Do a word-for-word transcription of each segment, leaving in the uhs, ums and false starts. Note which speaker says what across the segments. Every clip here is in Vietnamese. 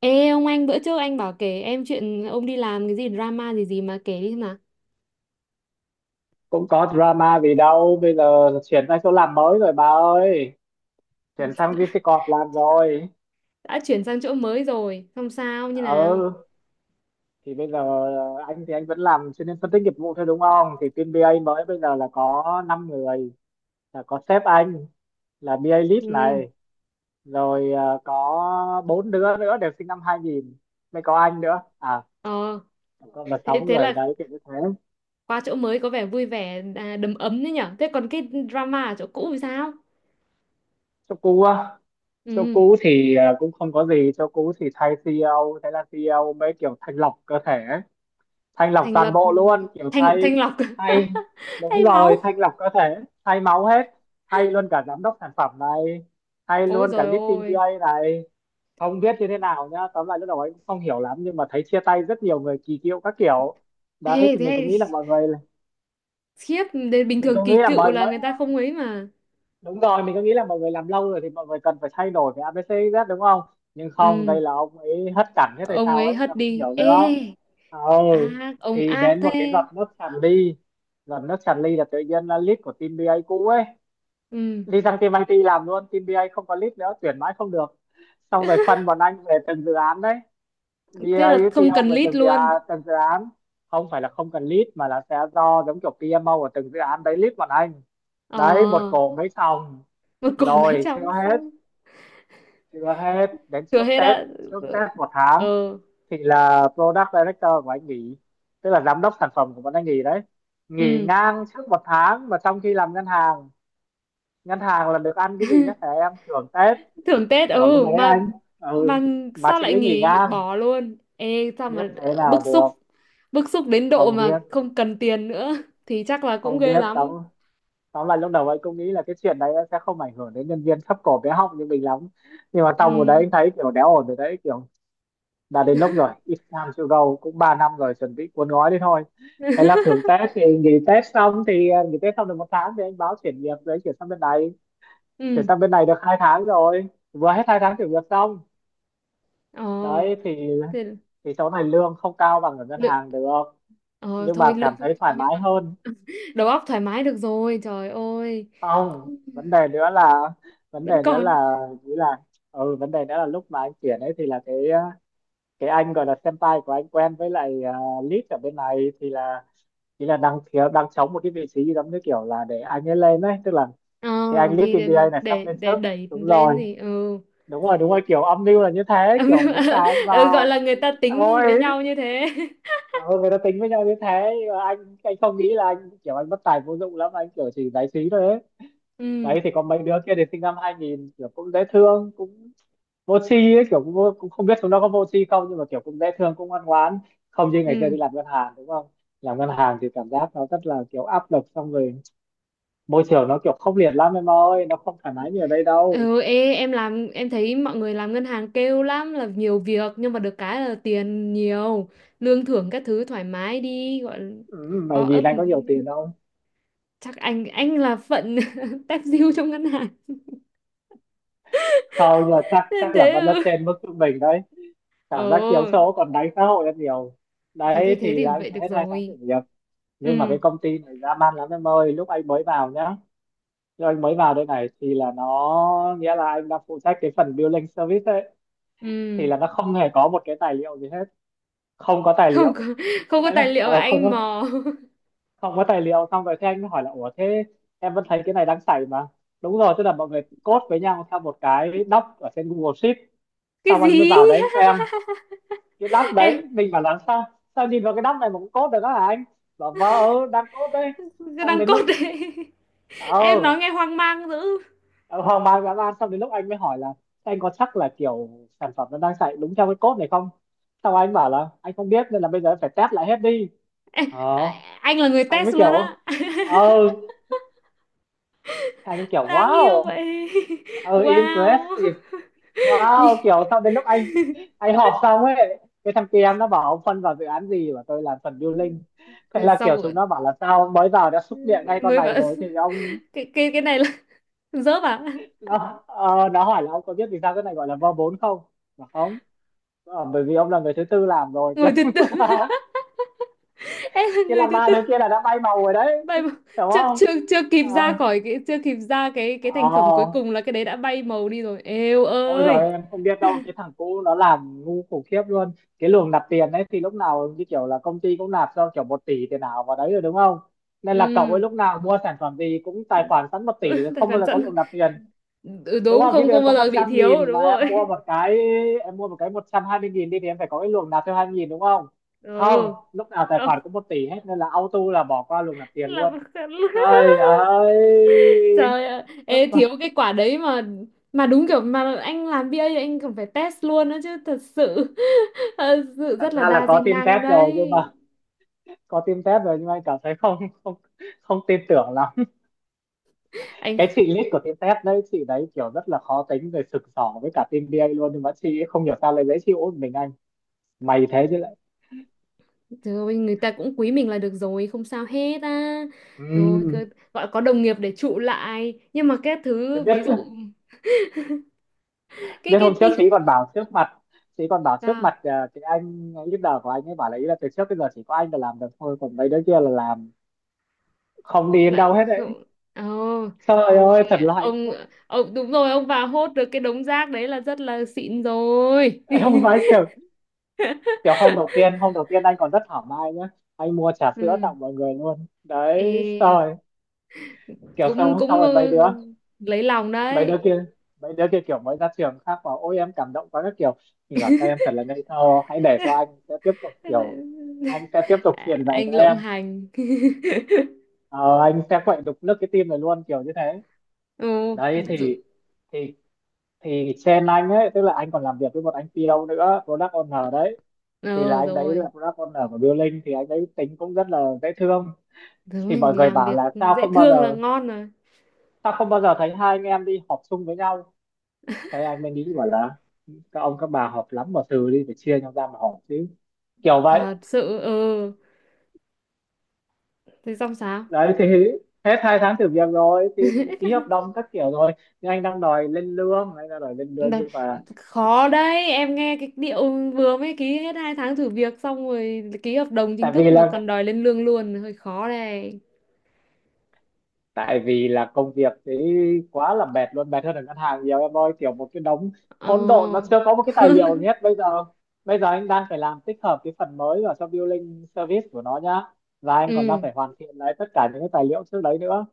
Speaker 1: Ê ông anh, bữa trước anh bảo kể em chuyện ông đi làm cái gì drama gì gì mà, kể đi mà.
Speaker 2: Cũng có drama gì đâu bây giờ. Chuyển sang chỗ làm mới rồi bà ơi. Chuyển sang vi xi Corp làm rồi.
Speaker 1: Đã chuyển sang chỗ mới rồi không sao như nào?
Speaker 2: Ừ, thì bây giờ anh thì anh vẫn làm chuyên viên phân tích nghiệp vụ thôi, đúng không, thì team bi ây mới bây giờ là có năm người, là có sếp anh, là bê a lead
Speaker 1: Ừ,
Speaker 2: này, rồi à, có bốn đứa nữa đều sinh năm hai nghìn, mới có anh nữa à.
Speaker 1: ờ,
Speaker 2: Tổng là
Speaker 1: thế
Speaker 2: sáu
Speaker 1: thế
Speaker 2: người
Speaker 1: là
Speaker 2: đấy, kiểu như thế.
Speaker 1: qua chỗ mới có vẻ vui vẻ, à, đầm ấm đấy nhở. Thế còn cái drama ở chỗ cũ thì sao?
Speaker 2: Cho cú á. Cho
Speaker 1: Ừ.
Speaker 2: cú thì à, cũng không có gì. Cho cú thì thay xê e ô, thế là si i âu mới kiểu thanh lọc cơ thể ấy. Thanh lọc
Speaker 1: Thành
Speaker 2: toàn
Speaker 1: lập,
Speaker 2: bộ luôn, kiểu
Speaker 1: thành
Speaker 2: thay.
Speaker 1: thành lọc.
Speaker 2: Thay. Đúng
Speaker 1: Thay máu.
Speaker 2: rồi, thanh lọc cơ thể. Thay máu hết. Thay luôn cả giám đốc sản phẩm này, thay
Speaker 1: Ôi
Speaker 2: luôn cả
Speaker 1: rồi
Speaker 2: lead team
Speaker 1: ôi.
Speaker 2: bi ây này. Không biết như thế nào nhá, tóm lại lúc đầu ấy cũng không hiểu lắm nhưng mà thấy chia tay rất nhiều người kỳ cựu các kiểu.
Speaker 1: Ê
Speaker 2: Đấy thì
Speaker 1: thế
Speaker 2: mình
Speaker 1: hay.
Speaker 2: cũng nghĩ là mọi người.
Speaker 1: Khiếp. Đến bình
Speaker 2: mình
Speaker 1: thường
Speaker 2: cũng
Speaker 1: kỳ
Speaker 2: nghĩ là
Speaker 1: cựu
Speaker 2: mọi
Speaker 1: là
Speaker 2: người
Speaker 1: người ta không ấy mà.
Speaker 2: Đúng rồi, mình có nghĩ là mọi người làm lâu rồi thì mọi người cần phải thay đổi cái a bê xê z, đúng không. Nhưng không,
Speaker 1: Ừ.
Speaker 2: đây là ông ấy hất cảnh, thế tại
Speaker 1: Ông
Speaker 2: sao
Speaker 1: ấy
Speaker 2: ấy tao
Speaker 1: hất
Speaker 2: không
Speaker 1: đi
Speaker 2: hiểu nữa đó.
Speaker 1: ê.
Speaker 2: Ừ.
Speaker 1: Ác, ông
Speaker 2: Thì
Speaker 1: ác
Speaker 2: đến một cái giọt
Speaker 1: thế.
Speaker 2: nước tràn ly, giọt nước tràn ly là tự nhiên là lead của team bê a cũ ấy
Speaker 1: Ừ.
Speaker 2: đi sang team i tê làm luôn, team bi ây không có lead nữa, tuyển mãi không được. Xong rồi phân bọn anh về từng dự án đấy,
Speaker 1: Thế là
Speaker 2: bi ây
Speaker 1: không
Speaker 2: pi âu
Speaker 1: cần
Speaker 2: về
Speaker 1: lít
Speaker 2: từng dự
Speaker 1: luôn.
Speaker 2: án, từng dự án. Không phải là không cần lead mà là sẽ do giống kiểu pê em ô của từng dự án đấy lead bọn anh.
Speaker 1: Ờ.
Speaker 2: Đấy, một cổ mấy phòng.
Speaker 1: Một cổ mấy
Speaker 2: Rồi
Speaker 1: trăm
Speaker 2: chưa hết.
Speaker 1: xong.
Speaker 2: Chưa hết, đến
Speaker 1: Thừa
Speaker 2: trước
Speaker 1: hết
Speaker 2: Tết,
Speaker 1: á?
Speaker 2: trước Tết một tháng
Speaker 1: Ờ.
Speaker 2: thì là product director của anh nghỉ, tức là giám đốc sản phẩm của bọn anh nghỉ đấy. Nghỉ
Speaker 1: Ừ.
Speaker 2: ngang trước một tháng mà trong khi làm ngân hàng, ngân hàng là được ăn cái gì nhá, thẻ em, thưởng Tết.
Speaker 1: Thưởng Tết,
Speaker 2: Kiểu lúc
Speaker 1: ừ
Speaker 2: đấy
Speaker 1: mà.
Speaker 2: anh. Ừ.
Speaker 1: Mà
Speaker 2: Mà
Speaker 1: sao
Speaker 2: chị
Speaker 1: lại
Speaker 2: ấy nghỉ
Speaker 1: nghỉ
Speaker 2: ngang.
Speaker 1: bỏ luôn ê, sao
Speaker 2: Biết
Speaker 1: mà?
Speaker 2: thế nào
Speaker 1: Bức xúc.
Speaker 2: được.
Speaker 1: Bức xúc đến độ
Speaker 2: Không
Speaker 1: mà
Speaker 2: biết.
Speaker 1: không cần tiền nữa. Thì chắc là cũng
Speaker 2: Không
Speaker 1: ghê
Speaker 2: biết tóm
Speaker 1: lắm.
Speaker 2: tóm lại lúc đầu anh cũng nghĩ là cái chuyện đấy sẽ không ảnh hưởng đến nhân viên thấp cổ bé họng như mình lắm. Nhưng mà xong rồi
Speaker 1: Ừ.
Speaker 2: đấy anh thấy kiểu đéo ổn rồi đấy, kiểu đã đến lúc rồi, it's time to go, cũng ba năm rồi chuẩn bị cuốn gói đi thôi. Thế là thưởng Tết thì nghỉ Tết xong thì à, nghỉ Tết xong được một tháng thì anh báo chuyển việc đấy chuyển sang bên này. Chuyển
Speaker 1: Ừ.
Speaker 2: sang bên này được hai tháng rồi, vừa hết hai tháng chuyển việc xong.
Speaker 1: Ờ.
Speaker 2: Đấy thì,
Speaker 1: Thế
Speaker 2: thì chỗ này lương không cao bằng ở ngân
Speaker 1: lượng,
Speaker 2: hàng được,
Speaker 1: ờ
Speaker 2: nhưng
Speaker 1: thôi
Speaker 2: mà
Speaker 1: lương
Speaker 2: cảm
Speaker 1: không
Speaker 2: thấy thoải
Speaker 1: cao nhưng mà
Speaker 2: mái hơn.
Speaker 1: đầu óc thoải mái được rồi, trời ơi.
Speaker 2: Không,
Speaker 1: Cũng-.
Speaker 2: vấn đề nữa là. vấn
Speaker 1: Vẫn
Speaker 2: đề nữa
Speaker 1: còn.
Speaker 2: là nghĩ là ừ, vấn đề nữa là lúc mà anh chuyển ấy thì là cái ờ, cái anh gọi là senpai của anh quen với lại, uh, lead ở bên này thì là, thì là đang thiếu đang trống một cái vị trí giống như kiểu là để anh ấy lên đấy, tức là
Speaker 1: Ờ
Speaker 2: cái anh lead
Speaker 1: thì
Speaker 2: ti bi ây
Speaker 1: để
Speaker 2: này sắp
Speaker 1: để
Speaker 2: lên
Speaker 1: để
Speaker 2: sớp.
Speaker 1: đẩy
Speaker 2: Đúng
Speaker 1: lên
Speaker 2: rồi.
Speaker 1: thì ừ.
Speaker 2: Đúng rồi, đúng rồi, kiểu âm mưu là như thế, kiểu muốn cài anh
Speaker 1: Ừ, gọi là
Speaker 2: vào.
Speaker 1: người ta tính
Speaker 2: Ôi.
Speaker 1: với nhau như thế.
Speaker 2: Ừ, người ta tính với nhau như thế nhưng mà anh anh không nghĩ là anh kiểu anh bất tài vô dụng lắm, anh kiểu chỉ giải trí thôi ấy.
Speaker 1: Ừ.
Speaker 2: Đấy thì có mấy đứa kia thì sinh năm hai nghìn kiểu cũng dễ thương cũng vô tri ấy, kiểu cũng, vô- cũng không biết chúng nó có vô tri không nhưng mà kiểu cũng dễ thương cũng ngoan ngoãn. Không như ngày xưa
Speaker 1: Ừ.
Speaker 2: đi làm ngân hàng, đúng không. Làm ngân hàng thì cảm giác nó rất là kiểu áp lực, xong rồi môi trường nó kiểu khốc liệt lắm em ơi, nó không thoải mái như ở đây đâu.
Speaker 1: Ừ. Ê, em làm em thấy mọi người làm ngân hàng kêu lắm là nhiều việc nhưng mà được cái là tiền nhiều, lương thưởng các thứ thoải mái đi gọi là.
Speaker 2: Ừ,
Speaker 1: O
Speaker 2: mày
Speaker 1: ấp
Speaker 2: nhìn anh
Speaker 1: một
Speaker 2: có
Speaker 1: tí.
Speaker 2: nhiều tiền không?
Speaker 1: Chắc anh anh là phận tép diêu trong ngân hàng.
Speaker 2: Không, nhưng mà chắc
Speaker 1: Nên
Speaker 2: chắc là
Speaker 1: thế,
Speaker 2: vẫn là
Speaker 1: ừ.
Speaker 2: trên mức trung bình đấy.
Speaker 1: Ồ.
Speaker 2: Cảm giác chiếu số còn đánh xã hội rất nhiều.
Speaker 1: Thế thì
Speaker 2: Đấy
Speaker 1: thế
Speaker 2: thì là
Speaker 1: thì
Speaker 2: anh
Speaker 1: vậy
Speaker 2: phải
Speaker 1: được
Speaker 2: hết hai tháng
Speaker 1: rồi.
Speaker 2: thử việc. Nhưng mà cái
Speaker 1: Ừ.
Speaker 2: công ty này dã man lắm em ơi, lúc anh mới vào nhá. Nhưng anh mới vào đây này thì là nó nghĩa là anh đang phụ trách cái phần billing service ấy, thì
Speaker 1: Ừ.
Speaker 2: là nó không hề có một cái tài liệu gì hết, không có tài
Speaker 1: Không
Speaker 2: liệu.
Speaker 1: có. Không có
Speaker 2: Đấy
Speaker 1: tài
Speaker 2: là
Speaker 1: liệu mà
Speaker 2: ờ, không
Speaker 1: anh
Speaker 2: có,
Speaker 1: mò.
Speaker 2: không có tài liệu. Xong rồi thế anh mới hỏi là, ủa thế em vẫn thấy cái này đang xảy mà. Đúng rồi, tức là mọi người code với nhau theo một cái doc ở trên Google Sheet.
Speaker 1: Cái
Speaker 2: Xong anh mới
Speaker 1: gì?
Speaker 2: vào đấy xem cái doc
Speaker 1: Ê,
Speaker 2: đấy, mình bảo là sao, sao nhìn vào cái doc này mà cũng code được đó hả anh? Bảo vâng, ừ, đang code đấy.
Speaker 1: cái
Speaker 2: Xong
Speaker 1: đằng
Speaker 2: đến
Speaker 1: cốt
Speaker 2: lúc.
Speaker 1: đấy. Em
Speaker 2: Ờ.
Speaker 1: nói nghe hoang mang dữ.
Speaker 2: Ờ, hoang mang dã man. Xong đến lúc anh mới hỏi là, "Thế anh có chắc là kiểu sản phẩm nó đang chạy đúng theo cái code này không?" Sau anh bảo là anh không biết nên là bây giờ em phải test lại hết đi.
Speaker 1: Ê,
Speaker 2: Ờ.
Speaker 1: à, anh là người
Speaker 2: Anh
Speaker 1: test
Speaker 2: mới
Speaker 1: luôn
Speaker 2: kiểu.
Speaker 1: á?
Speaker 2: Ờ. Anh kiểu
Speaker 1: Đáng yêu
Speaker 2: wow.
Speaker 1: vậy.
Speaker 2: Ờ,
Speaker 1: Wow.
Speaker 2: impressive. Wow,
Speaker 1: Nhìn-.
Speaker 2: kiểu sau đến lúc anh anh họp xong ấy, cái thằng kia em nó bảo ông phân vào dự án gì và tôi làm phần building. Thế
Speaker 1: Thế
Speaker 2: là
Speaker 1: xong
Speaker 2: kiểu chúng
Speaker 1: rồi.
Speaker 2: nó bảo là sao mới vào đã xúc miệng ngay con
Speaker 1: Mới
Speaker 2: này
Speaker 1: bảo
Speaker 2: rồi thì ông,
Speaker 1: cái cái cái này là, dớp à?
Speaker 2: nó ờ, nó hỏi là ông có biết vì sao cái này gọi là vê bốn không? Mà không. Ờ, bởi vì ông là người thứ tư làm rồi chứ
Speaker 1: Ngồi từ
Speaker 2: không-
Speaker 1: từ. Em là
Speaker 2: chứ
Speaker 1: người
Speaker 2: là
Speaker 1: thứ
Speaker 2: ba
Speaker 1: tư.
Speaker 2: đứa kia là đã bay màu rồi đấy.
Speaker 1: Vậy mà.
Speaker 2: Hiểu
Speaker 1: Chắc
Speaker 2: không?
Speaker 1: chưa chưa kịp
Speaker 2: Ờ.
Speaker 1: ra khỏi cái, chưa kịp ra cái cái thành phẩm cuối
Speaker 2: Ờ.
Speaker 1: cùng là cái đấy đã bay màu đi rồi, eo
Speaker 2: Ôi
Speaker 1: ơi.
Speaker 2: giời em không biết đâu, cái thằng cũ nó làm ngu khủng khiếp luôn. Cái luồng nạp tiền ấy thì lúc nào như kiểu là công ty cũng nạp cho kiểu một tỷ tiền ảo vào đấy rồi, đúng không, nên là cậu ấy
Speaker 1: Ừ.
Speaker 2: lúc nào mua sản phẩm gì cũng tài khoản sẵn một tỷ rồi
Speaker 1: Tài
Speaker 2: không bao
Speaker 1: khoản
Speaker 2: giờ có
Speaker 1: sẵn.
Speaker 2: luồng nạp tiền.
Speaker 1: Ừ,
Speaker 2: Đúng
Speaker 1: đúng
Speaker 2: không, chứ
Speaker 1: không,
Speaker 2: em
Speaker 1: không bao
Speaker 2: có một
Speaker 1: giờ bị
Speaker 2: trăm
Speaker 1: thiếu
Speaker 2: nghìn
Speaker 1: đúng
Speaker 2: mà em
Speaker 1: rồi.
Speaker 2: mua một cái, em mua một cái một trăm hai mươi nghìn đi thì em phải có cái luồng nạp thêm 2 nghìn, đúng không. Không,
Speaker 1: Ừ.
Speaker 2: lúc nào tài khoản
Speaker 1: Không.
Speaker 2: cũng một tỷ hết nên là auto là bỏ qua luồng nạp tiền
Speaker 1: Là
Speaker 2: luôn. Trời ơi.
Speaker 1: trời ạ, ê
Speaker 2: Lúc mà.
Speaker 1: thiếu cái quả đấy. mà mà đúng kiểu mà anh làm bê a thì anh còn phải test luôn đó chứ, thật sự. Thật sự
Speaker 2: Thật
Speaker 1: rất là
Speaker 2: ra là
Speaker 1: đa di
Speaker 2: có team
Speaker 1: năng
Speaker 2: test rồi nhưng
Speaker 1: đấy.
Speaker 2: mà, có team test rồi nhưng mà em cảm thấy không không không tin tưởng lắm.
Speaker 1: Anh.
Speaker 2: Cái chị lead của team test đấy, chị đấy kiểu rất là khó tính, rồi sực sỏ với cả team bê a luôn, nhưng mà chị ấy không hiểu sao lại dễ chịu với mình anh. Mày thế chứ lại.
Speaker 1: Trời ơi, người ta cũng quý mình là được rồi, không sao hết á.
Speaker 2: Ừ,
Speaker 1: Rồi cơ-. Gọi có đồng nghiệp để trụ lại nhưng mà cái
Speaker 2: tôi
Speaker 1: thứ
Speaker 2: biết.
Speaker 1: ví dụ cái
Speaker 2: Biết hôm
Speaker 1: cái
Speaker 2: trước
Speaker 1: tí-.
Speaker 2: chị còn bảo trước mặt, chị còn bảo trước
Speaker 1: Sao?
Speaker 2: mặt ờ, cái anh leader của anh ấy bảo là, ý là từ trước bây giờ chỉ có anh là làm được thôi, còn mấy đứa kia là làm không đi đến đâu
Speaker 1: Làm
Speaker 2: hết đấy.
Speaker 1: không. Ồ.
Speaker 2: Trời
Speaker 1: Thôi.
Speaker 2: ơi, thật là hạnh
Speaker 1: Ông.
Speaker 2: phúc.
Speaker 1: Ông đúng rồi, ông vào hốt được cái đống rác đấy là rất là xịn rồi.
Speaker 2: em không nói kiểu, kiểu hôm đầu tiên hôm đầu tiên anh còn rất thảo mai nhá, anh mua trà sữa
Speaker 1: Ừ.
Speaker 2: tặng mọi người luôn đấy
Speaker 1: Ê,
Speaker 2: rồi, kiểu
Speaker 1: cũng
Speaker 2: xong xong
Speaker 1: cũng
Speaker 2: rồi mấy
Speaker 1: ờ,
Speaker 2: đứa,
Speaker 1: lấy lòng
Speaker 2: mấy đứa
Speaker 1: đấy.
Speaker 2: kia mấy đứa kia kiểu mới ra trường khác bảo ôi em cảm động quá các kiểu. Mình bảo các em thật là ngây thơ, hãy để cho anh sẽ tiếp tục kiểu, anh sẽ tiếp tục
Speaker 1: À,
Speaker 2: truyền dạy cho
Speaker 1: anh lộng
Speaker 2: em.
Speaker 1: hành.
Speaker 2: Ờ, anh sẽ quậy đục nước cái tim này luôn, kiểu như thế.
Speaker 1: Ồ.
Speaker 2: Đấy
Speaker 1: Ừ.
Speaker 2: thì, thì thì trên anh ấy, tức là anh còn làm việc với một anh pê ô nữa, product owner đấy, thì là
Speaker 1: Ừ
Speaker 2: anh đấy
Speaker 1: rồi.
Speaker 2: là product owner của Building, thì anh đấy tính cũng rất là dễ thương.
Speaker 1: Thế
Speaker 2: Thì mọi
Speaker 1: mình
Speaker 2: người
Speaker 1: làm
Speaker 2: bảo
Speaker 1: việc.
Speaker 2: là sao
Speaker 1: Dễ
Speaker 2: không bao
Speaker 1: thương là
Speaker 2: giờ,
Speaker 1: ngon rồi.
Speaker 2: sao không bao giờ thấy hai anh em đi họp chung với nhau. Thế anh mới nghĩ bảo là, các ông các bà họp lắm mà từ đi phải chia nhau ra mà họp chứ, kiểu vậy.
Speaker 1: Thật sự, ừ. Thế xong sao?
Speaker 2: Đấy thì hết hai tháng thử việc rồi thì ký hợp đồng các kiểu rồi, nhưng anh đang đòi lên lương anh đang đòi lên lương
Speaker 1: Đấy.
Speaker 2: nhưng mà,
Speaker 1: Khó đấy, em nghe cái điệu vừa mới ký hết hai tháng thử việc xong rồi ký hợp đồng chính
Speaker 2: tại vì
Speaker 1: thức mà còn
Speaker 2: là
Speaker 1: đòi lên lương luôn hơi khó đây.
Speaker 2: tại vì là công việc thế quá là mệt luôn, mệt hơn ở ngân hàng nhiều em ơi, kiểu một cái đống
Speaker 1: Ờ.
Speaker 2: hỗn độn, nó chưa có một cái tài liệu gì hết bây giờ bây giờ anh đang phải làm tích hợp cái phần mới vào trong billing service của nó nhá. Và anh còn đang
Speaker 1: Ừ.
Speaker 2: phải hoàn thiện lại tất cả những cái tài liệu trước đấy nữa.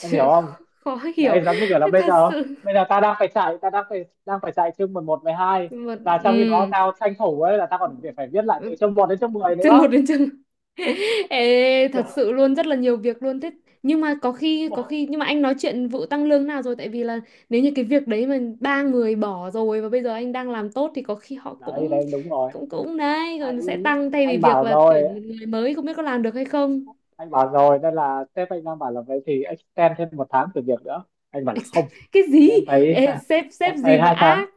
Speaker 2: Em hiểu không?
Speaker 1: Khó hiểu.
Speaker 2: Đấy, giống như kiểu là bây
Speaker 1: Thật
Speaker 2: giờ
Speaker 1: sự.
Speaker 2: bây giờ ta đang phải chạy, ta đang phải đang phải chạy chương mười một mười hai,
Speaker 1: Mà.
Speaker 2: và trong khi đó tao tranh thủ ấy là tao còn phải phải viết lại
Speaker 1: Ừ.
Speaker 2: từ chương một đến chương mười
Speaker 1: Chương một
Speaker 2: nữa.
Speaker 1: đến chương. Ê, thật
Speaker 2: Trời!
Speaker 1: sự luôn rất là nhiều việc luôn thế. Nhưng mà có khi có khi nhưng mà anh nói chuyện vụ tăng lương nào rồi, tại vì là nếu như cái việc đấy mà ba người bỏ rồi và bây giờ anh đang làm tốt thì có khi họ
Speaker 2: Đấy
Speaker 1: cũng
Speaker 2: đấy, đúng rồi.
Speaker 1: cũng cũng đấy rồi sẽ
Speaker 2: anh
Speaker 1: tăng, thay vì
Speaker 2: anh
Speaker 1: việc
Speaker 2: bảo
Speaker 1: là
Speaker 2: rồi
Speaker 1: tuyển một người mới không biết có làm được hay không.
Speaker 2: anh bảo rồi nên là sếp anh đang bảo là vậy thì extend thêm một tháng thử việc nữa. Anh bảo là không.
Speaker 1: Cái gì?
Speaker 2: Em thấy
Speaker 1: Ê,
Speaker 2: ha,
Speaker 1: sếp
Speaker 2: em
Speaker 1: sếp gì
Speaker 2: thấy
Speaker 1: mà
Speaker 2: hai tháng
Speaker 1: ác.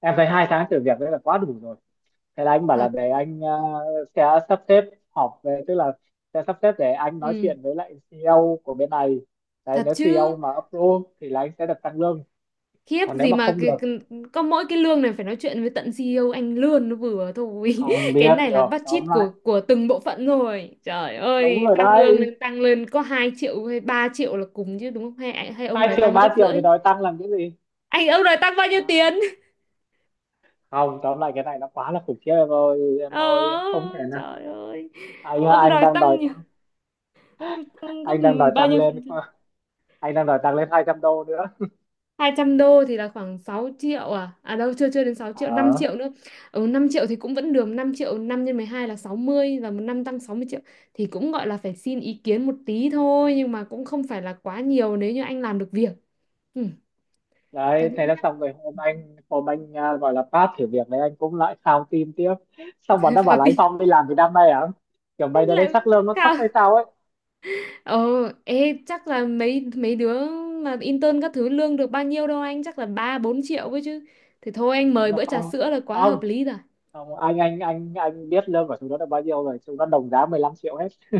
Speaker 2: em thấy hai tháng thử việc đấy là quá đủ rồi. Thế là anh bảo là
Speaker 1: Thật.
Speaker 2: để anh ờ, sẽ sắp xếp họp về, tức là sẽ sắp xếp để anh nói
Speaker 1: Ừ.
Speaker 2: chuyện với lại xê e ô của bên này. Đấy,
Speaker 1: Thật
Speaker 2: nếu
Speaker 1: chứ.
Speaker 2: xi i âu mà approve thì là anh sẽ được tăng lương,
Speaker 1: Khiếp
Speaker 2: còn nếu
Speaker 1: gì
Speaker 2: mà
Speaker 1: mà
Speaker 2: không
Speaker 1: cái,
Speaker 2: được
Speaker 1: cái-. Có mỗi cái lương này phải nói chuyện với tận xê i ô, anh lương nó vừa thôi.
Speaker 2: không
Speaker 1: Cái
Speaker 2: biết
Speaker 1: này là
Speaker 2: được.
Speaker 1: budget
Speaker 2: Tóm lại
Speaker 1: của của từng bộ phận rồi, trời
Speaker 2: đúng
Speaker 1: ơi,
Speaker 2: rồi
Speaker 1: tăng lương
Speaker 2: đấy,
Speaker 1: lên tăng lên có hai triệu hay ba triệu là cùng chứ đúng không, hay hay ông
Speaker 2: hai
Speaker 1: đòi
Speaker 2: triệu
Speaker 1: tăng
Speaker 2: ba
Speaker 1: gấp
Speaker 2: triệu
Speaker 1: rưỡi?
Speaker 2: thì nói tăng làm cái gì?
Speaker 1: Anh, ông đòi tăng bao nhiêu tiền?
Speaker 2: Không, tóm lại cái này nó quá là khủng khiếp em ơi,
Speaker 1: Ờ.
Speaker 2: em ơi em không thể.
Speaker 1: Trời ơi.
Speaker 2: Anh á,
Speaker 1: Ông
Speaker 2: anh
Speaker 1: đòi
Speaker 2: đang đòi
Speaker 1: tăng nhiều-.
Speaker 2: tăng
Speaker 1: Tăng gấp
Speaker 2: anh đang đòi
Speaker 1: bao
Speaker 2: tăng
Speaker 1: nhiêu
Speaker 2: lên
Speaker 1: phần?
Speaker 2: anh đang đòi tăng lên 200 đô nữa.
Speaker 1: Hai trăm đô thì là khoảng sáu triệu, à à đâu, chưa chưa đến sáu triệu, năm
Speaker 2: Ờ,
Speaker 1: triệu nữa. Ừ, năm triệu thì cũng vẫn được, năm triệu năm nhân mười hai là sáu mươi, và một năm tăng sáu mươi triệu thì cũng gọi là phải xin ý kiến một tí thôi nhưng mà cũng không phải là quá nhiều nếu như anh làm được việc. Ừ,
Speaker 2: đấy
Speaker 1: cân
Speaker 2: thế là
Speaker 1: nhắc.
Speaker 2: xong rồi. hôm anh hôm anh à, gọi là pass thử việc đấy anh cũng lại khao tim tiếp. Xong bọn nó bảo
Speaker 1: Vào
Speaker 2: là anh
Speaker 1: tí.
Speaker 2: Phong đi làm từ năm nay à, kiểu
Speaker 1: Thế
Speaker 2: mày đợt đấy
Speaker 1: lại
Speaker 2: chắc lương nó thấp
Speaker 1: cao.
Speaker 2: hay sao ấy.
Speaker 1: Ờ. Ê chắc là mấy mấy đứa mà intern các thứ lương được bao nhiêu đâu anh, chắc là ba bốn triệu ấy chứ, thì thôi anh
Speaker 2: Chúng
Speaker 1: mời
Speaker 2: nó
Speaker 1: bữa trà
Speaker 2: không,
Speaker 1: sữa là
Speaker 2: cũng
Speaker 1: quá hợp
Speaker 2: không,
Speaker 1: lý rồi.
Speaker 2: không. Anh anh anh anh biết lương của chúng nó là bao nhiêu rồi, chúng nó đồng giá 15 triệu hết.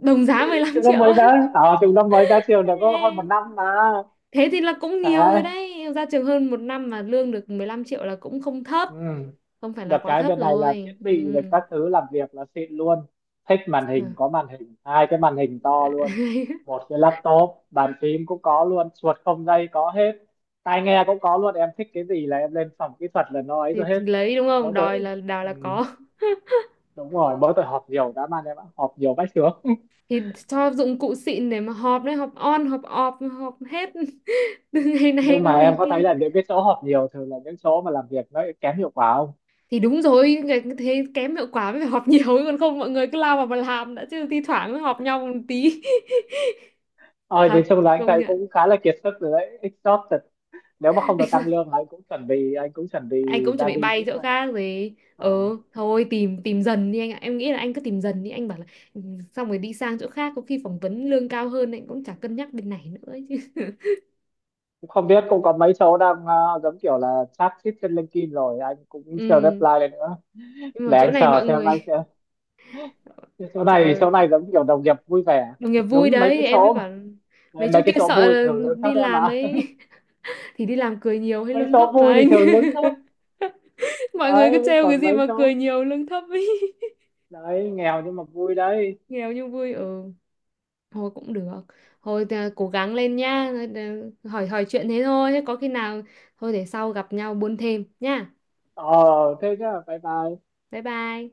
Speaker 1: Đồng giá mười lăm
Speaker 2: chúng nó
Speaker 1: triệu
Speaker 2: mới
Speaker 1: á?
Speaker 2: ra à, chúng nó mới ra trường được có hơn một
Speaker 1: Ê.
Speaker 2: năm mà.
Speaker 1: Thế thì là cũng nhiều rồi
Speaker 2: Đấy.
Speaker 1: đấy, ra trường hơn một năm mà lương được mười lăm triệu là cũng không thấp,
Speaker 2: Ừ.
Speaker 1: không phải
Speaker 2: Được
Speaker 1: là quá
Speaker 2: cái
Speaker 1: thấp
Speaker 2: bên này là thiết
Speaker 1: rồi, ừ.
Speaker 2: bị và các thứ làm việc là xịn luôn. Thích màn
Speaker 1: Được.
Speaker 2: hình có màn hình, hai cái màn hình to luôn. Một cái laptop, bàn phím cũng có luôn, chuột không dây có hết. Tai nghe cũng có luôn, em thích cái gì là em lên phòng kỹ thuật là nó ấy
Speaker 1: Thì
Speaker 2: rồi hết.
Speaker 1: lấy đúng không,
Speaker 2: Mỗi
Speaker 1: đòi
Speaker 2: tội
Speaker 1: là đòi
Speaker 2: ừ.
Speaker 1: là có.
Speaker 2: Đúng rồi, mỗi tội họp nhiều đã man em ạ, họp nhiều vách chướng.
Speaker 1: Thì cho dụng cụ xịn để mà họp đấy, họp on họp off họp hết. Từ ngày này
Speaker 2: Nhưng
Speaker 1: qua
Speaker 2: mà em
Speaker 1: ngày
Speaker 2: có thấy
Speaker 1: kia.
Speaker 2: là những cái chỗ họp nhiều thường là những chỗ mà làm việc nó kém hiệu quả không?
Speaker 1: Thì đúng rồi, ngày-, thế kém hiệu quả mới phải họp nhiều còn không mọi người cứ lao vào mà làm đã chứ, thi thoảng mới họp nhau một tí.
Speaker 2: Ôi, nói
Speaker 1: Thật.
Speaker 2: chung là anh
Speaker 1: Công
Speaker 2: thấy
Speaker 1: nhận.
Speaker 2: cũng khá là kiệt sức rồi đấy, exhausted. Nếu mà không được tăng lương anh cũng chuẩn bị, anh cũng chuẩn
Speaker 1: Anh
Speaker 2: bị
Speaker 1: cũng chuẩn
Speaker 2: ra
Speaker 1: bị
Speaker 2: đi
Speaker 1: bay
Speaker 2: tiếp
Speaker 1: chỗ
Speaker 2: thôi.
Speaker 1: khác rồi, ờ,
Speaker 2: Ờ.
Speaker 1: thôi tìm tìm dần đi anh ạ, em nghĩ là anh cứ tìm dần đi anh bảo là "Ừ, xong rồi đi sang chỗ khác có khi phỏng vấn lương cao hơn anh cũng chả cân nhắc bên này nữa ấy chứ."
Speaker 2: Cũng không biết, cũng có mấy chỗ đang ờ, giống kiểu là chat chít trên LinkedIn rồi anh cũng chờ
Speaker 1: Ừ.
Speaker 2: reply lên nữa.
Speaker 1: Nhưng mà
Speaker 2: Để
Speaker 1: chỗ
Speaker 2: anh
Speaker 1: này
Speaker 2: chờ
Speaker 1: mọi
Speaker 2: xem anh
Speaker 1: người,
Speaker 2: sẽ, cái chỗ
Speaker 1: trời
Speaker 2: này,
Speaker 1: ơi,
Speaker 2: chỗ này giống kiểu đồng nghiệp vui vẻ.
Speaker 1: đồng nghiệp vui
Speaker 2: Đúng, mấy cái
Speaker 1: đấy em mới
Speaker 2: chỗ
Speaker 1: bảo
Speaker 2: mà-
Speaker 1: mấy chỗ
Speaker 2: mấy cái
Speaker 1: kia
Speaker 2: chỗ
Speaker 1: sợ
Speaker 2: vui
Speaker 1: là
Speaker 2: thường lương
Speaker 1: đi
Speaker 2: thấp em
Speaker 1: làm
Speaker 2: ạ.
Speaker 1: ấy. Thì đi làm cười nhiều hay
Speaker 2: Mấy
Speaker 1: lương thấp
Speaker 2: chỗ
Speaker 1: mà
Speaker 2: vui thì
Speaker 1: anh.
Speaker 2: thường lương thấp
Speaker 1: Mọi người cứ
Speaker 2: đấy.
Speaker 1: trêu cái
Speaker 2: Còn
Speaker 1: gì
Speaker 2: mấy
Speaker 1: mà
Speaker 2: chỗ
Speaker 1: cười nhiều lương thấp ấy.
Speaker 2: đấy nghèo nhưng mà vui đấy.
Speaker 1: Nghèo nhưng vui, ừ. Thôi cũng được. Thôi à, cố gắng lên nhá. Hỏi hỏi chuyện thế thôi. Thế có khi nào thôi để sau gặp nhau buôn thêm nhá.
Speaker 2: Ờ, thế nhá, bye bye.
Speaker 1: Bye bye.